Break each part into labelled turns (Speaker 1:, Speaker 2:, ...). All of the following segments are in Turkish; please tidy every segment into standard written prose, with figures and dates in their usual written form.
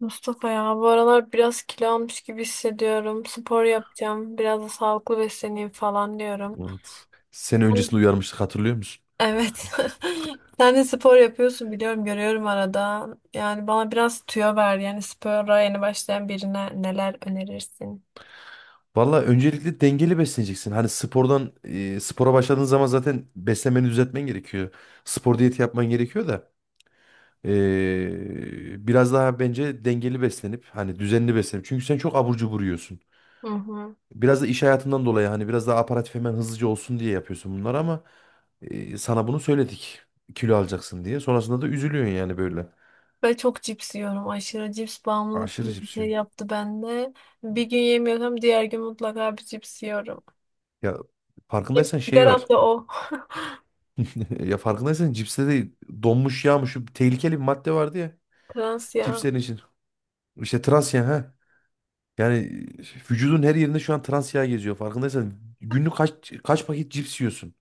Speaker 1: Mustafa ya bu aralar biraz kilo almış gibi hissediyorum. Spor yapacağım. Biraz da sağlıklı besleneyim falan diyorum.
Speaker 2: Evet. Seni öncesinde
Speaker 1: Sen-
Speaker 2: uyarmıştık, hatırlıyor musun?
Speaker 1: Evet. Sen de spor yapıyorsun biliyorum görüyorum arada. Yani bana biraz tüyo ver. Yani spora yeni başlayan birine neler önerirsin?
Speaker 2: Valla öncelikle dengeli besleneceksin. Hani spordan spora başladığın zaman zaten beslenmeni düzeltmen gerekiyor. Spor diyeti yapman gerekiyor da biraz daha bence dengeli beslenip hani düzenli beslenip. Çünkü sen çok abur cubur yiyorsun.
Speaker 1: Hı hı.
Speaker 2: Biraz da iş hayatından dolayı hani biraz daha aparatif hemen hızlıca olsun diye yapıyorsun bunları ama sana bunu söyledik. Kilo alacaksın diye. Sonrasında da üzülüyorsun yani böyle.
Speaker 1: Ve çok cips yiyorum. Aşırı cips bağımlılık
Speaker 2: Aşırı
Speaker 1: gibi bir
Speaker 2: cips
Speaker 1: şey
Speaker 2: yiyorsun.
Speaker 1: yaptı bende. Bir gün yemiyorsam diğer gün mutlaka bir cips yiyorum.
Speaker 2: Ya
Speaker 1: Benim
Speaker 2: farkındaysan şey
Speaker 1: sigaram
Speaker 2: var.
Speaker 1: da o.
Speaker 2: Ya farkındaysan cipste de donmuş yağmış şu tehlikeli bir madde vardı ya
Speaker 1: Trans ya.
Speaker 2: cipslerin için. İşte trans yağ ha. Yani vücudun her yerinde şu an trans yağ geziyor. Farkındaysan günlük kaç paket cips yiyorsun?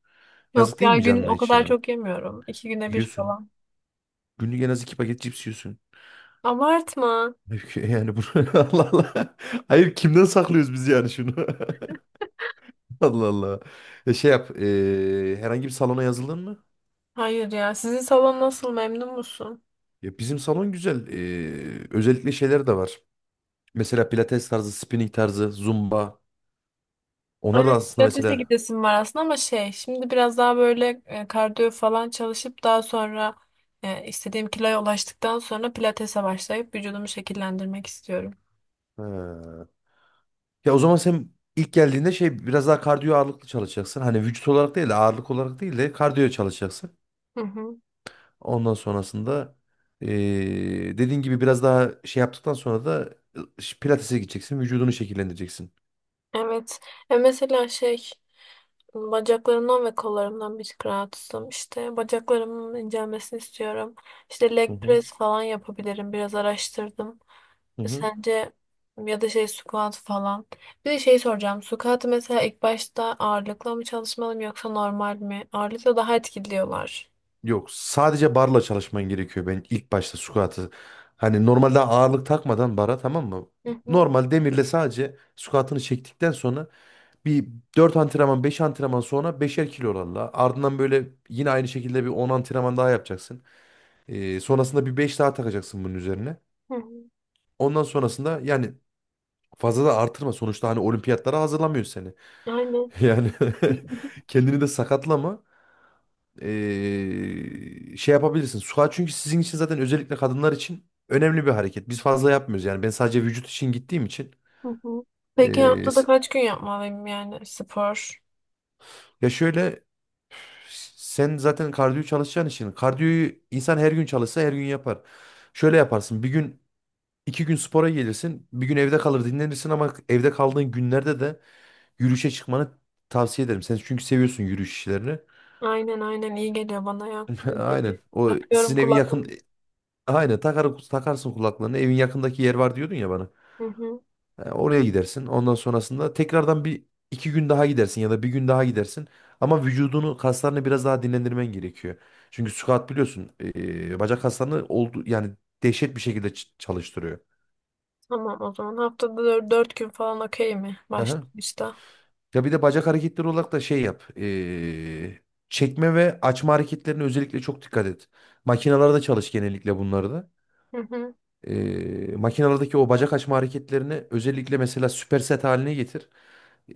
Speaker 2: Yazık
Speaker 1: Yok
Speaker 2: değil
Speaker 1: ya
Speaker 2: mi
Speaker 1: gün
Speaker 2: canına
Speaker 1: o
Speaker 2: hiç
Speaker 1: kadar
Speaker 2: yani?
Speaker 1: çok yemiyorum. İki güne bir
Speaker 2: Yiyorsun.
Speaker 1: falan.
Speaker 2: Günlük en az iki paket cips yiyorsun.
Speaker 1: Abartma.
Speaker 2: Halbuki yani bu Allah Allah. Hayır, kimden saklıyoruz biz yani şunu? Allah Allah. Ya şey yap. Herhangi bir salona yazıldın mı?
Speaker 1: Hayır ya. Sizin salon nasıl? Memnun musun?
Speaker 2: Ya bizim salon güzel. Özellikle şeyler de var. Mesela pilates tarzı, spinning tarzı, zumba. Onlar da
Speaker 1: Evet,
Speaker 2: aslında
Speaker 1: pilatese
Speaker 2: mesela.
Speaker 1: gidesim var aslında ama şey, şimdi biraz daha böyle kardiyo falan çalışıp daha sonra istediğim kiloya ulaştıktan sonra pilatese başlayıp vücudumu şekillendirmek istiyorum.
Speaker 2: He. Ya o zaman sen ilk geldiğinde şey biraz daha kardiyo ağırlıklı çalışacaksın. Hani vücut olarak değil de ağırlık olarak değil de kardiyo çalışacaksın.
Speaker 1: Hı hı.
Speaker 2: Ondan sonrasında dediğin gibi biraz daha şey yaptıktan sonra da pilatese gideceksin. Vücudunu şekillendireceksin.
Speaker 1: Evet. E mesela şey bacaklarımdan ve kollarımdan bir tık rahatsızım. İşte bacaklarımın incelmesini istiyorum. İşte
Speaker 2: Hı
Speaker 1: leg
Speaker 2: hı.
Speaker 1: press falan yapabilirim. Biraz araştırdım.
Speaker 2: Hı
Speaker 1: E
Speaker 2: hı.
Speaker 1: sence ya da şey squat falan. Bir de şey soracağım. Squat mesela ilk başta ağırlıkla mı çalışmalıyım yoksa normal mi? Ağırlıkla daha etkili diyorlar.
Speaker 2: Yok, sadece barla çalışman gerekiyor ben ilk başta squat'ı. Hani normalde ağırlık takmadan bara, tamam mı?
Speaker 1: Hı hı,
Speaker 2: Normal demirle sadece squat'ını çektikten sonra bir 4 antrenman 5 antrenman sonra beşer kilo oranla. Ardından böyle yine aynı şekilde bir 10 antrenman daha yapacaksın. Sonrasında bir 5 daha takacaksın bunun üzerine.
Speaker 1: hı hı.
Speaker 2: Ondan sonrasında yani fazla da artırma. Sonuçta hani olimpiyatlara hazırlamıyor seni.
Speaker 1: Aynen.
Speaker 2: Yani kendini de sakatlama. Şey yapabilirsin. Squat çünkü sizin için zaten özellikle kadınlar için önemli bir hareket. Biz fazla yapmıyoruz yani. Ben sadece vücut için gittiğim için.
Speaker 1: Hı hı. Peki
Speaker 2: Ee,
Speaker 1: haftada
Speaker 2: s-
Speaker 1: kaç gün yapmalıyım yani spor?
Speaker 2: Ya şöyle, sen zaten kardiyo çalışacağın için kardiyoyu insan her gün çalışsa her gün yapar. Şöyle yaparsın, bir gün iki gün spora gelirsin, bir gün evde kalır dinlenirsin ama evde kaldığın günlerde de yürüyüşe çıkmanı tavsiye ederim. Sen çünkü seviyorsun yürüyüş işlerini.
Speaker 1: Aynen aynen iyi geliyor bana ya. Müziğimi
Speaker 2: Aynen, o
Speaker 1: takıyorum
Speaker 2: sizin evin yakın
Speaker 1: kulaklığımı.
Speaker 2: aynen takar, takarsın kulaklarını, evin yakındaki yer var diyordun ya bana.
Speaker 1: Hı hı.
Speaker 2: E, oraya gidersin. Ondan sonrasında tekrardan bir iki gün daha gidersin ya da bir gün daha gidersin. Ama vücudunu, kaslarını biraz daha dinlendirmen gerekiyor. Çünkü squat biliyorsun bacak kaslarını oldu yani dehşet bir şekilde çalıştırıyor.
Speaker 1: Tamam, o zaman haftada dört gün falan okey mi
Speaker 2: Aha.
Speaker 1: başlangıçta?
Speaker 2: Ya bir de bacak hareketleri olarak da şey yap. Çekme ve açma hareketlerine özellikle çok dikkat et. Makinalarda çalış genellikle bunları da.
Speaker 1: Hı hı.
Speaker 2: Makinalardaki o bacak açma hareketlerini özellikle mesela süper set haline getir.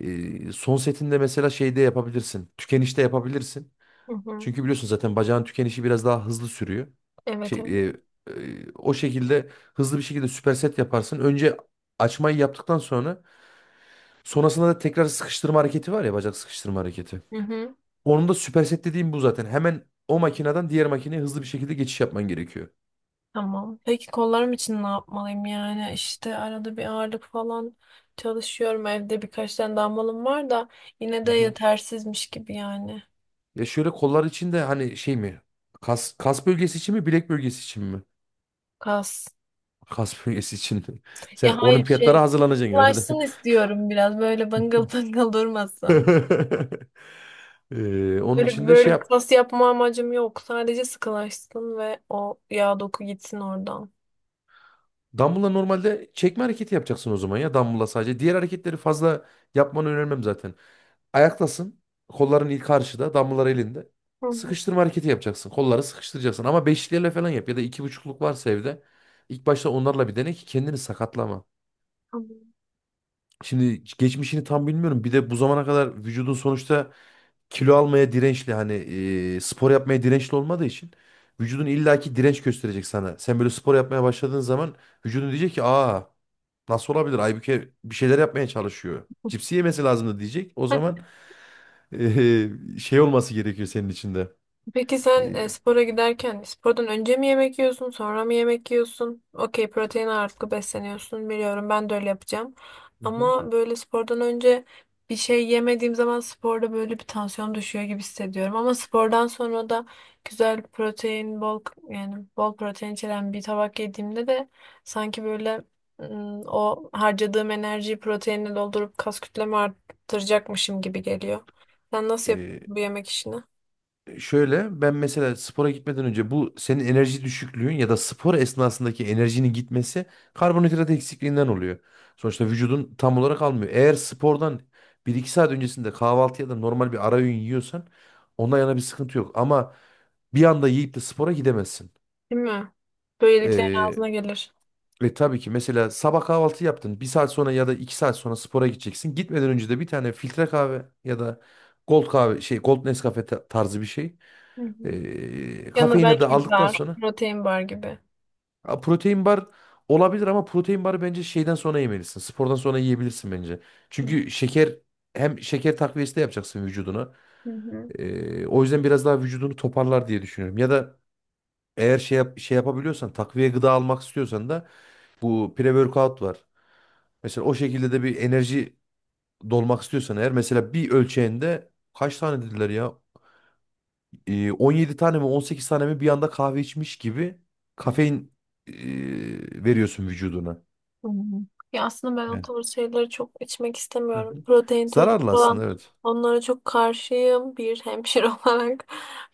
Speaker 2: Son setinde mesela şeyde yapabilirsin. Tükenişte yapabilirsin.
Speaker 1: Hı hı.
Speaker 2: Çünkü biliyorsun zaten bacağın tükenişi biraz daha hızlı sürüyor.
Speaker 1: Evet
Speaker 2: Şey,
Speaker 1: evet.
Speaker 2: e, O şekilde hızlı bir şekilde süper set yaparsın. Önce açmayı yaptıktan sonra sonrasında da tekrar sıkıştırma hareketi var ya, bacak sıkıştırma hareketi.
Speaker 1: Hı hı.
Speaker 2: Onun da süper set dediğim bu zaten. Hemen o makineden diğer makineye hızlı bir şekilde geçiş yapman gerekiyor.
Speaker 1: Tamam. Peki kollarım için ne yapmalıyım yani? İşte arada bir ağırlık falan çalışıyorum. Evde birkaç tane dumbbellım var da yine de yetersizmiş gibi yani.
Speaker 2: Ya şöyle, kollar için de hani şey mi? Kas bölgesi için mi? Bilek bölgesi için mi?
Speaker 1: Kas.
Speaker 2: Kas bölgesi için.
Speaker 1: Ya
Speaker 2: Sen
Speaker 1: hayır
Speaker 2: olimpiyatlara
Speaker 1: şey.
Speaker 2: hazırlanacaksın herhalde.
Speaker 1: Ulaşsın istiyorum biraz böyle bıngıl bıngıl durmasın.
Speaker 2: Onun
Speaker 1: Öyle
Speaker 2: için de
Speaker 1: böyle
Speaker 2: şey
Speaker 1: bir
Speaker 2: yap.
Speaker 1: kas yapma amacım yok. Sadece sıkılaşsın ve o yağ doku gitsin oradan.
Speaker 2: Dumbbell'la normalde çekme hareketi yapacaksın o zaman ya. Dumbbell'la sadece. Diğer hareketleri fazla yapmanı önermem zaten. Ayaktasın. Kolların ilk karşıda. Dumbbell'lar elinde.
Speaker 1: Hı hı,
Speaker 2: Sıkıştırma hareketi yapacaksın. Kolları sıkıştıracaksın. Ama beşlilerle falan yap. Ya da iki buçukluk varsa evde. İlk başta onlarla bir dene ki kendini sakatlama.
Speaker 1: tamam.
Speaker 2: Şimdi geçmişini tam bilmiyorum. Bir de bu zamana kadar vücudun sonuçta kilo almaya dirençli hani spor yapmaya dirençli olmadığı için vücudun illaki direnç gösterecek sana. Sen böyle spor yapmaya başladığın zaman vücudun diyecek ki, aa, nasıl olabilir? Aybüke bir şeyler yapmaya çalışıyor. Cipsi yemesi lazımdı diyecek. O zaman şey olması gerekiyor senin içinde.
Speaker 1: Peki
Speaker 2: E,
Speaker 1: sen spora giderken spordan önce mi yemek yiyorsun, sonra mı yemek yiyorsun? Okey, protein ağırlıklı besleniyorsun biliyorum. Ben de öyle yapacağım.
Speaker 2: hı hı.
Speaker 1: Ama böyle spordan önce bir şey yemediğim zaman sporda böyle bir tansiyon düşüyor gibi hissediyorum. Ama spordan sonra da güzel protein, bol yani bol protein içeren bir tabak yediğimde de sanki böyle o harcadığım enerjiyi proteinle doldurup kas kütlemi arttıracakmışım gibi geliyor. Sen nasıl yapıyorsun
Speaker 2: E,
Speaker 1: bu yemek işini?
Speaker 2: Şöyle, ben mesela spora gitmeden önce bu senin enerji düşüklüğün ya da spor esnasındaki enerjinin gitmesi karbonhidrat eksikliğinden oluyor. Sonuçta vücudun tam olarak almıyor. Eğer spordan bir iki saat öncesinde kahvaltı ya da normal bir ara öğün yiyorsan ondan yana bir sıkıntı yok. Ama bir anda yiyip de spora gidemezsin.
Speaker 1: Değil mi? Böyleliklerin
Speaker 2: Ee,
Speaker 1: ağzına gelir.
Speaker 2: Ve tabii ki mesela sabah kahvaltı yaptın. Bir saat sonra ya da iki saat sonra spora gideceksin. Gitmeden önce de bir tane filtre kahve ya da Gold kahve şey Gold Nescafe tarzı bir şey.
Speaker 1: Hı hı. Yanına
Speaker 2: Kafeini de
Speaker 1: belki bir
Speaker 2: aldıktan
Speaker 1: bar,
Speaker 2: sonra
Speaker 1: protein bar gibi.
Speaker 2: ha, protein bar olabilir ama protein barı bence şeyden sonra yemelisin. Spordan sonra yiyebilirsin bence.
Speaker 1: Hı
Speaker 2: Çünkü şeker hem şeker takviyesi de yapacaksın vücuduna.
Speaker 1: hı. Hı.
Speaker 2: O yüzden biraz daha vücudunu toparlar diye düşünüyorum. Ya da eğer şey yapabiliyorsan, takviye gıda almak istiyorsan da bu pre-workout var. Mesela o şekilde de bir enerji dolmak istiyorsan eğer, mesela bir ölçeğinde kaç tane dediler ya? 17 tane mi 18 tane mi bir anda kahve içmiş gibi kafein e, veriyorsun vücuduna.
Speaker 1: Hı hı. Ya aslında ben o
Speaker 2: Yani.
Speaker 1: tarz şeyleri çok içmek
Speaker 2: Hı
Speaker 1: istemiyorum.
Speaker 2: hı.
Speaker 1: Protein tozu
Speaker 2: Zararlı
Speaker 1: falan,
Speaker 2: aslında, evet.
Speaker 1: onlara çok karşıyım. Bir hemşire olarak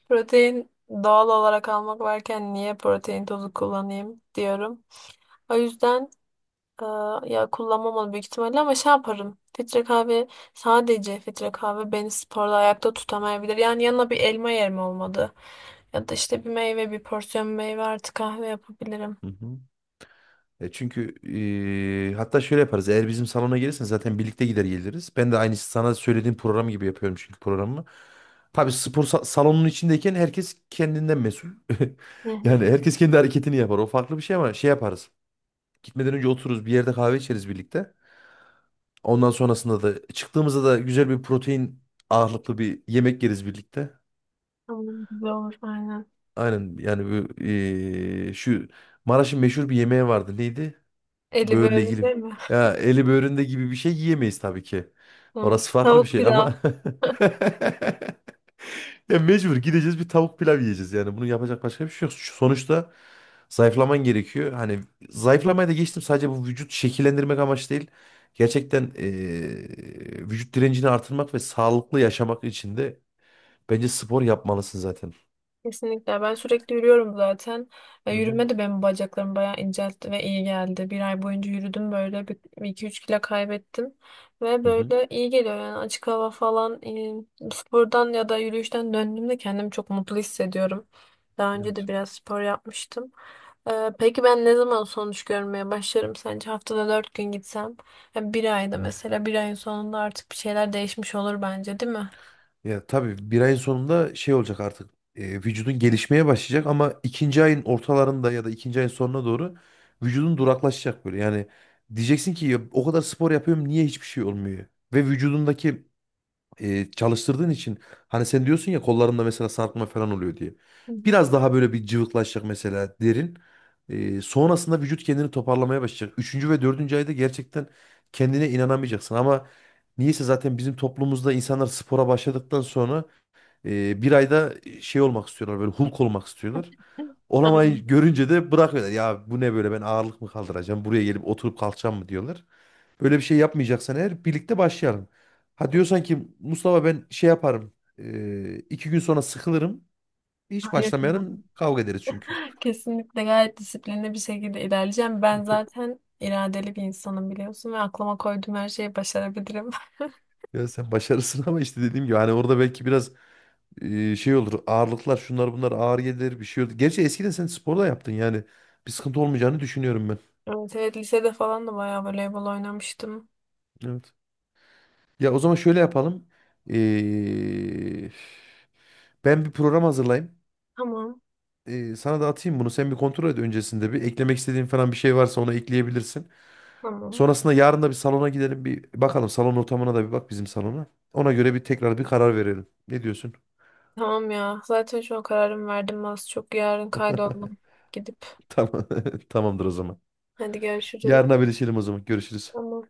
Speaker 1: protein doğal olarak almak varken niye protein tozu kullanayım diyorum. O yüzden, aa, ya kullanmamalı büyük ihtimalle ama şey yaparım. Filtre kahve, sadece filtre kahve beni sporda ayakta tutamayabilir. Yani yanına bir elma yerim olmadı. Ya da işte bir meyve, bir porsiyon meyve artı kahve yapabilirim.
Speaker 2: Hı hı. Çünkü hatta şöyle yaparız. Eğer bizim salona gelirsen zaten birlikte gider geliriz. Ben de aynı sana söylediğim program gibi yapıyorum çünkü programı. Tabii spor salonunun içindeyken herkes kendinden mesul.
Speaker 1: Hı hı.
Speaker 2: Yani herkes kendi hareketini yapar. O farklı bir şey ama şey yaparız. Gitmeden önce otururuz bir yerde kahve içeriz birlikte. Ondan sonrasında da çıktığımızda da güzel bir protein ağırlıklı bir yemek yeriz birlikte.
Speaker 1: Tamam, güzel olur aynen.
Speaker 2: Aynen yani bu şu Maraş'ın meşhur bir yemeği vardı. Neydi?
Speaker 1: Eli
Speaker 2: Böğürle
Speaker 1: böyle
Speaker 2: ilgili.
Speaker 1: değil mi?
Speaker 2: Ya eli böğründe gibi bir şey yiyemeyiz tabii ki.
Speaker 1: Tamam.
Speaker 2: Orası farklı bir
Speaker 1: Tavuk
Speaker 2: şey
Speaker 1: pilav.
Speaker 2: ama ya mecbur gideceğiz bir tavuk pilav yiyeceğiz yani. Bunu yapacak başka bir şey yok. Sonuçta zayıflaman gerekiyor. Hani zayıflamaya da geçtim, sadece bu vücut şekillendirmek amaç değil. Gerçekten vücut direncini artırmak ve sağlıklı yaşamak için de bence spor yapmalısın zaten.
Speaker 1: Kesinlikle. Ben sürekli yürüyorum zaten. E,
Speaker 2: Hı hı.
Speaker 1: yürüme de benim bacaklarımı bayağı inceltti ve iyi geldi. Bir ay boyunca yürüdüm böyle. Bir iki üç kilo kaybettim. Ve
Speaker 2: Hı hı.
Speaker 1: böyle iyi geliyor yani, açık hava falan. Spordan ya da yürüyüşten döndüğümde kendimi çok mutlu hissediyorum. Daha önce de
Speaker 2: Evet.
Speaker 1: biraz spor yapmıştım. Peki ben ne zaman sonuç görmeye başlarım sence? Haftada 4 gün gitsem. Yani bir ayda, mesela bir ayın sonunda artık bir şeyler değişmiş olur bence, değil mi?
Speaker 2: Ya tabii bir ayın sonunda şey olacak artık. Vücudun gelişmeye başlayacak ama ikinci ayın ortalarında ya da ikinci ayın sonuna doğru vücudun duraklaşacak böyle. Yani diyeceksin ki ya, o kadar spor yapıyorum niye hiçbir şey olmuyor? Ve vücudundaki çalıştırdığın için hani sen diyorsun ya kollarında mesela sarkma falan oluyor diye.
Speaker 1: Hı hı.
Speaker 2: Biraz daha böyle bir cıvıklaşacak mesela derin. Sonrasında vücut kendini toparlamaya başlayacak. Üçüncü ve dördüncü ayda gerçekten kendine inanamayacaksın ama niyeyse zaten bizim toplumumuzda insanlar spora başladıktan sonra bir ayda şey olmak istiyorlar, böyle Hulk olmak istiyorlar.
Speaker 1: Aynen.
Speaker 2: Olamayı görünce de bırakıyorlar. Ya bu ne böyle, ben ağırlık mı kaldıracağım, buraya gelip oturup kalkacağım mı diyorlar. Böyle bir şey yapmayacaksan eğer birlikte başlayalım. Ha, diyorsan ki Mustafa ben şey yaparım, iki gün sonra sıkılırım, hiç
Speaker 1: Hayır ya.
Speaker 2: başlamayalım, kavga ederiz çünkü.
Speaker 1: Kesinlikle gayet disiplinli bir şekilde ilerleyeceğim. Ben zaten iradeli bir insanım biliyorsun ve aklıma koyduğum her şeyi başarabilirim.
Speaker 2: Ya sen başarısın ama işte dediğim gibi hani orada belki biraz şey olur, ağırlıklar şunlar bunlar ağır gelir, bir şey olur. Gerçi eskiden sen spor da yaptın yani bir sıkıntı olmayacağını düşünüyorum ben.
Speaker 1: Evet, evet lisede falan da bayağı voleybol oynamıştım.
Speaker 2: Evet. Ya o zaman şöyle yapalım. Eee, Ben bir program hazırlayayım.
Speaker 1: Tamam,
Speaker 2: Sana da atayım bunu. Sen bir kontrol et öncesinde bir. Eklemek istediğin falan bir şey varsa ona ekleyebilirsin.
Speaker 1: tamam.
Speaker 2: Sonrasında yarın da bir salona gidelim bir bakalım. Salon ortamına da bir bak bizim salona. Ona göre bir tekrar bir karar verelim. Ne diyorsun?
Speaker 1: Tamam ya. Zaten şu an kararımı verdim az çok. Yarın kaydoldum gidip.
Speaker 2: Tamam. Tamamdır o zaman.
Speaker 1: Hadi görüşürüz.
Speaker 2: Yarın haberleşelim o zaman. Görüşürüz.
Speaker 1: Tamam.